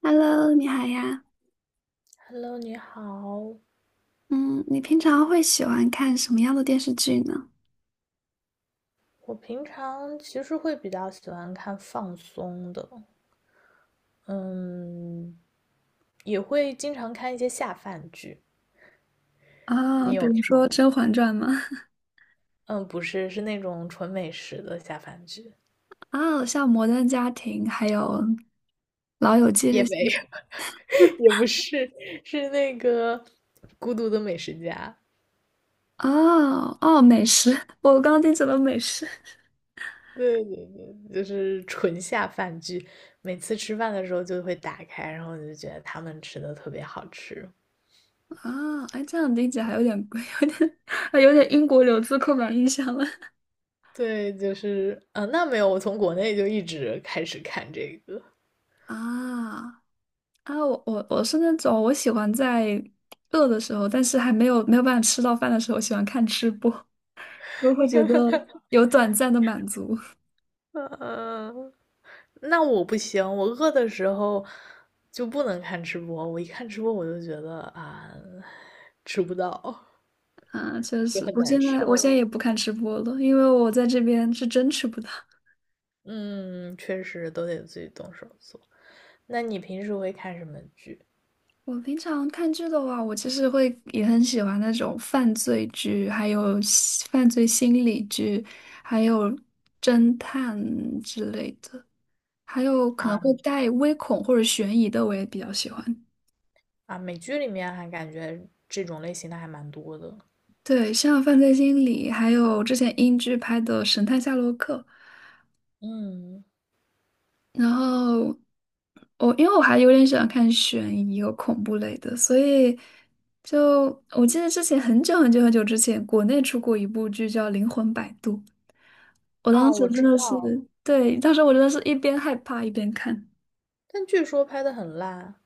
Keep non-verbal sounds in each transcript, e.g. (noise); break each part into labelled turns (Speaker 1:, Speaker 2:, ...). Speaker 1: Hello，你好呀。
Speaker 2: Hello，你好。
Speaker 1: 嗯，你平常会喜欢看什么样的电视剧呢？
Speaker 2: 我平常其实会比较喜欢看放松的，嗯，也会经常看一些下饭剧。
Speaker 1: 啊，
Speaker 2: 你
Speaker 1: 比
Speaker 2: 有看？
Speaker 1: 如说《甄嬛传》吗？
Speaker 2: 嗯，不是，是那种纯美食的下饭剧，
Speaker 1: (laughs) 啊，像《摩登家庭》还有《老友记》
Speaker 2: 也
Speaker 1: 这
Speaker 2: 没
Speaker 1: 些。
Speaker 2: 有，(laughs) 也不是，是那个《孤独的美食家》。
Speaker 1: 哦哦，美食。(laughs) 我刚刚听成了美食，
Speaker 2: 对对对，就是纯下饭剧。每次吃饭的时候就会打开，然后我就觉得他们吃的特别好吃。
Speaker 1: 啊，哎，这样理解还有点 (laughs) 还有点英国留子刻板印象了。
Speaker 2: 对，就是，那没有，我从国内就一直开始看这个。
Speaker 1: 啊啊！我是那种我喜欢在饿的时候，但是还没有办法吃到饭的时候，喜欢看吃播，(laughs) 我会觉得有短暂的满足。
Speaker 2: 嗯、那我不行，我饿的时候就不能看直播，我一看直播我就觉得吃不到，
Speaker 1: 啊，确
Speaker 2: 就
Speaker 1: 实，
Speaker 2: 很
Speaker 1: 我现
Speaker 2: 难
Speaker 1: 在我现
Speaker 2: 受。
Speaker 1: 在也不看直播了，因为我在这边是真吃不到。
Speaker 2: 嗯，确实都得自己动手做。那你平时会看什么剧
Speaker 1: 我平常看剧的话，我其实会也很喜欢那种犯罪剧，还有犯罪心理剧，还有侦探之类的，还有可能
Speaker 2: 啊？
Speaker 1: 会带微恐或者悬疑的，我也比较喜欢。
Speaker 2: 啊，美剧里面还感觉这种类型的还蛮多的。
Speaker 1: 对，像犯罪心理，还有之前英剧拍的《神探夏洛克》。
Speaker 2: 嗯，
Speaker 1: 然后我因为我还有点喜欢看悬疑和恐怖类的，所以就我记得之前很久很久很久之前，国内出过一部剧叫《灵魂摆渡》，我
Speaker 2: 啊，
Speaker 1: 当时
Speaker 2: 我
Speaker 1: 真
Speaker 2: 知
Speaker 1: 的
Speaker 2: 道，
Speaker 1: 是，对，当时我真的是一边害怕一边看。
Speaker 2: 但据说拍的很烂。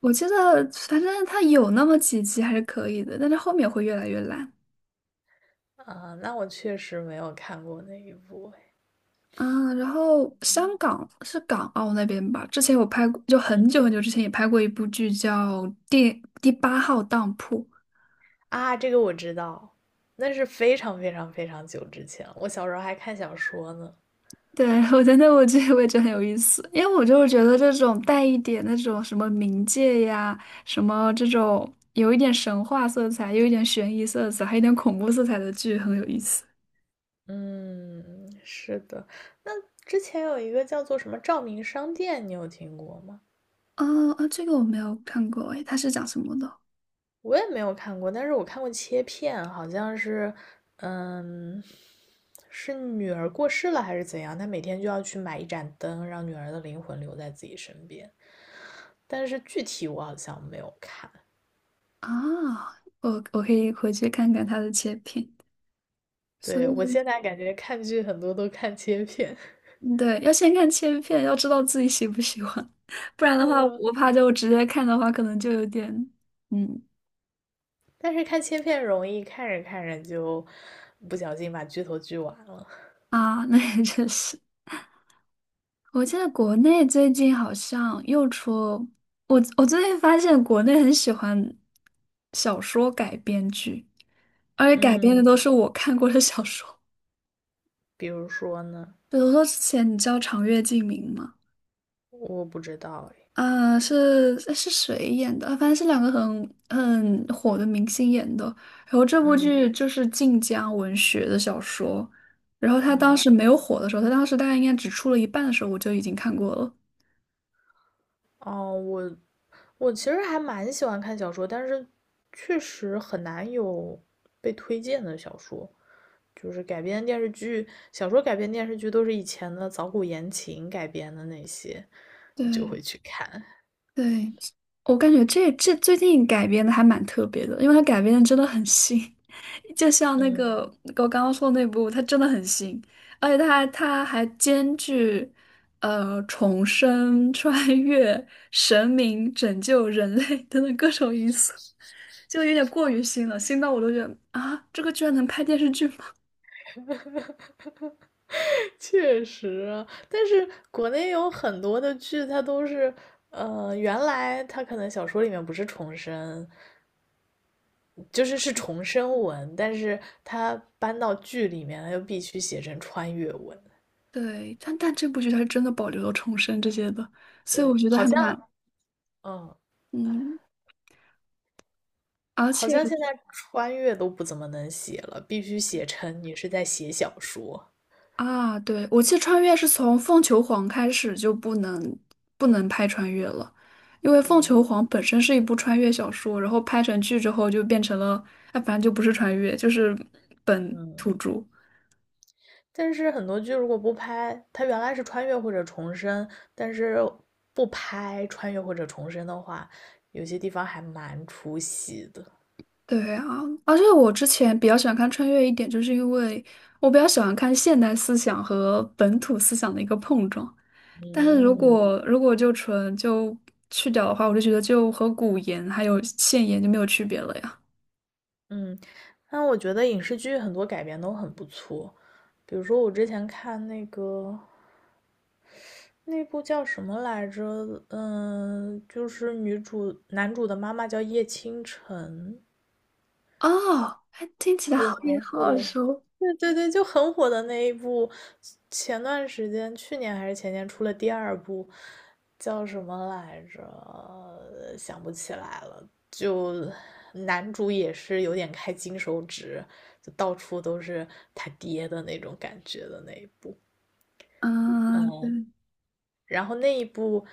Speaker 1: 我记得反正它有那么几集还是可以的，但是后面会越来越烂。
Speaker 2: 啊，那我确实没有看过那一部哎。
Speaker 1: 嗯，然后香港是港澳那边吧？之前我拍过，就很
Speaker 2: 嗯，
Speaker 1: 久很久之前也拍过一部剧叫《第八号当铺》，
Speaker 2: 啊，这个我知道，那是非常非常非常久之前了，我小时候还看小说呢。
Speaker 1: 对，(laughs) 我真的我觉得我也觉得很有意思，因为我就是觉得这种带一点那种什么冥界呀，什么这种有一点神话色彩，又有一点悬疑色彩，还有一点恐怖色彩的剧很有意思。
Speaker 2: 嗯，是的。那之前有一个叫做什么《照明商店》，你有听过吗？
Speaker 1: 哦啊，这个我没有看过，诶，它是讲什么的？
Speaker 2: 我也没有看过，但是我看过切片，好像是，嗯，是女儿过世了还是怎样，她每天就要去买一盏灯，让女儿的灵魂留在自己身边。但是具体我好像没有看。
Speaker 1: 啊，我我可以回去看看它的切片。所
Speaker 2: 对，我
Speaker 1: 以，
Speaker 2: 现在感觉看剧很多都看切片。
Speaker 1: 对，要先看切片，要知道自己喜不喜欢，(laughs) 不然
Speaker 2: (laughs)
Speaker 1: 的话，
Speaker 2: 嗯，
Speaker 1: 我怕就直接看的话，可能就有点，嗯
Speaker 2: 但是看切片容易看着看着就不小心把剧头剧完了。
Speaker 1: 啊，那也确实。我记得国内最近好像又出，我最近发现国内很喜欢小说改编剧，而且改编的都
Speaker 2: 嗯，
Speaker 1: 是我看过的小说。
Speaker 2: 比如说呢，
Speaker 1: 比如说之前你知道长月烬明吗？
Speaker 2: 我不知道诶。
Speaker 1: 啊、是谁演的？啊反正是两个很很火的明星演的。然后这部
Speaker 2: 嗯
Speaker 1: 剧就是晋江文学的小说，然后他当
Speaker 2: 啊
Speaker 1: 时没有火的时候，他当时大概应该只出了一半的时候，我就已经看过了。
Speaker 2: 哦，我我其实还蛮喜欢看小说，但是确实很难有被推荐的小说，就是改编电视剧，小说改编电视剧都是以前的早古言情改编的那些，你就
Speaker 1: 对。
Speaker 2: 会去看。
Speaker 1: 对，我感觉这最近改编的还蛮特别的，因为它改编的真的很新，(laughs) 就
Speaker 2: (laughs)
Speaker 1: 像那个
Speaker 2: 嗯。
Speaker 1: 我刚刚说的那部，它真的很新，而且它还兼具重生、穿越、神明拯救人类 (laughs) 等等各种因素，就有点过于新了，新到我都觉得啊，这个居然能拍电视剧吗？
Speaker 2: 确实啊，但是国内有很多的剧，它都是，原来它可能小说里面不是重生，就是是重生文，但是它搬到剧里面，它又必须写成穿越文。
Speaker 1: (laughs) 对，但这部剧它是真的保留了重生这些的，所以
Speaker 2: 对，
Speaker 1: 我觉得
Speaker 2: 好
Speaker 1: 还蛮
Speaker 2: 像，嗯，
Speaker 1: 嗯，而
Speaker 2: 好
Speaker 1: 且。
Speaker 2: 像现在穿越都不怎么能写了，必须写成你是在写小说。
Speaker 1: 啊，对，我记得穿越是从凤求凰开始就不能拍穿越了，因为凤求
Speaker 2: 嗯
Speaker 1: 凰本身是一部穿越小说，然后拍成剧之后就变成了，哎，反正就不是穿越，就是本土
Speaker 2: 嗯。
Speaker 1: 著。
Speaker 2: 但是很多剧如果不拍，它原来是穿越或者重生，但是不拍穿越或者重生的话，有些地方还蛮出戏的。
Speaker 1: 对啊，而且我之前比较喜欢看穿越一点，就是因为我比较喜欢看现代思想和本土思想的一个碰撞。但是如嗯
Speaker 2: 嗯，
Speaker 1: 果如果就纯就去掉的话，我就觉得就和古言还有现言就没有区别了呀。
Speaker 2: 嗯，那我觉得影视剧很多改编都很不错，比如说我之前看那个那部叫什么来着？嗯，就是女主男主的妈妈叫叶倾城。
Speaker 1: 哦，还听起来
Speaker 2: 对，
Speaker 1: 好
Speaker 2: 很
Speaker 1: 也
Speaker 2: 火
Speaker 1: 好耳
Speaker 2: 的。
Speaker 1: 熟。
Speaker 2: 对对对，就很火的那一部，前段时间，去年还是前年出了第二部，叫什么来着？想不起来了。就男主也是有点开金手指，就到处都是他爹的那种感觉的那一部。
Speaker 1: 嗯，对
Speaker 2: 然后那一部，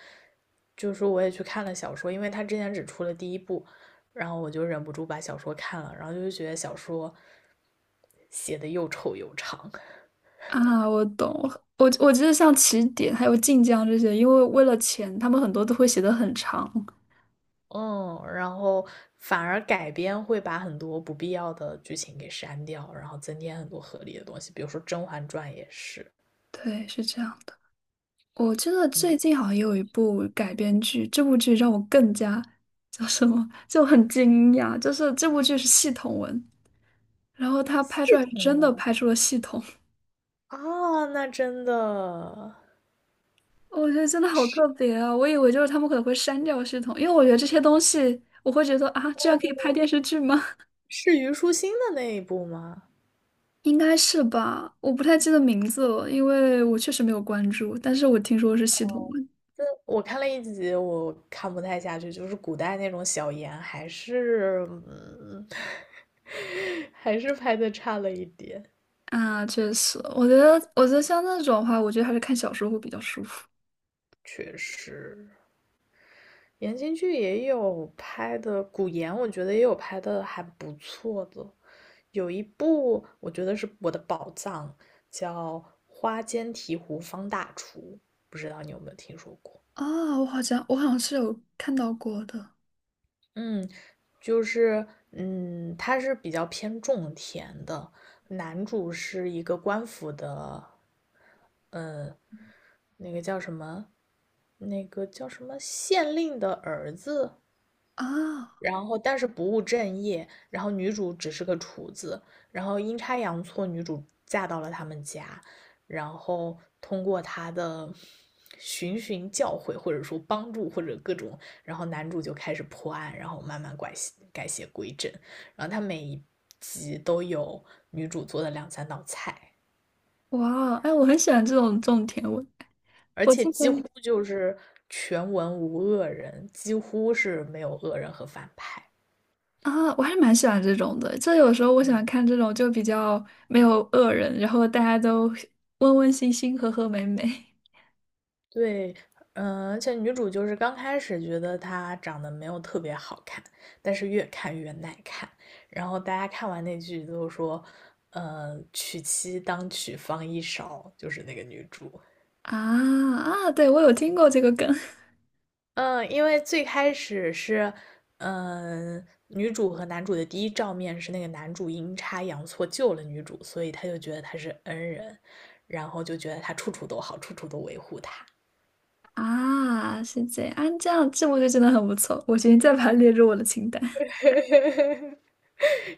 Speaker 2: 就是我也去看了小说，因为他之前只出了第一部，然后我就忍不住把小说看了，然后就觉得小说写的又丑又长。(laughs)
Speaker 1: 啊，我懂。我记得像起点还有晋江这些，因为为了钱，他们很多都会写的很长。
Speaker 2: 嗯，然后反而改编会把很多不必要的剧情给删掉，然后增添很多合理的东西，比如说《甄嬛传》也是。
Speaker 1: 对，是这样的。我记得
Speaker 2: 嗯，
Speaker 1: 最近好像也有一部改编剧，这部剧让我更加叫什么，就很惊讶。就是这部剧是系统文，然后他拍出
Speaker 2: 系
Speaker 1: 来是
Speaker 2: 统
Speaker 1: 真的
Speaker 2: 呀，
Speaker 1: 拍出了系统。
Speaker 2: 啊，那真的
Speaker 1: (laughs) 我觉得真的好特别啊！我以为就是他们可能会删掉系统，因为我觉得这些东西，我会觉得啊，这样可以拍电视剧吗？
Speaker 2: 是虞书欣的那一部吗？
Speaker 1: 应该是吧，我不太记得名字了，因为我确实没有关注，但是我听说是系统文
Speaker 2: 这我看了一集，我看不太下去，就是古代那种小言，还是,(laughs) 还是拍的差了一点。
Speaker 1: 啊，确实，我觉得像那种的话，我觉得还是看小说会比较舒服
Speaker 2: 确实，言情剧也有拍的，古言我觉得也有拍的还不错的，有一部我觉得是我的宝藏，叫《花间提壶方大厨》，不知道你有没有听说过？
Speaker 1: 啊。我好像是有看到过的
Speaker 2: 嗯，就是它是比较偏种田的，男主是一个官府的那个叫什么，那个叫什么县令的儿子，
Speaker 1: 啊，
Speaker 2: 然后但是不务正业，然后女主只是个厨子，然后阴差阳错，女主嫁到了他们家，然后通过她的循循教诲，或者说帮助，或者各种，然后男主就开始破案，然后慢慢改邪归正，然后他每一集都有女主做的两三道菜，
Speaker 1: 哇哦，哎，我很喜欢这种甜文，
Speaker 2: 而
Speaker 1: 我
Speaker 2: 且
Speaker 1: 之
Speaker 2: 几
Speaker 1: 前
Speaker 2: 乎就是全文无恶人，几乎是没有恶人和反派。
Speaker 1: 啊，我还是蛮喜欢这种的，这有时候我喜欢看这种就比较没有恶人，然后大家都 (laughs) 温温馨馨、和和美美
Speaker 2: 对，而且女主就是刚开始觉得她长得没有特别好看，但是越看越耐看。然后大家看完那句都说，娶妻当娶方一勺，就是那个女主。
Speaker 1: (laughs) 啊啊，对，我有听过这个梗。(laughs)
Speaker 2: 嗯，因为最开始是，嗯、女主和男主的第一照面是那个男主阴差阳错救了女主，所以他就觉得她是恩人，然后就觉得他处处都好，处处都维护她。
Speaker 1: 啊，是这样，啊，这样这部剧真的很不错，我决定再把它列入我的清单。
Speaker 2: (laughs)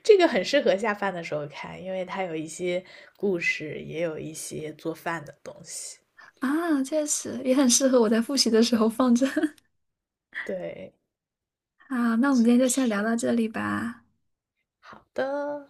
Speaker 2: 这个很适合下饭的时候看，因为它有一些故事，也有一些做饭的东西。
Speaker 1: 啊，确实也很适合我在复习的时候放着。(laughs)
Speaker 2: 对，
Speaker 1: 啊，那我们今天就先聊
Speaker 2: 是
Speaker 1: 到这里吧。
Speaker 2: 好的。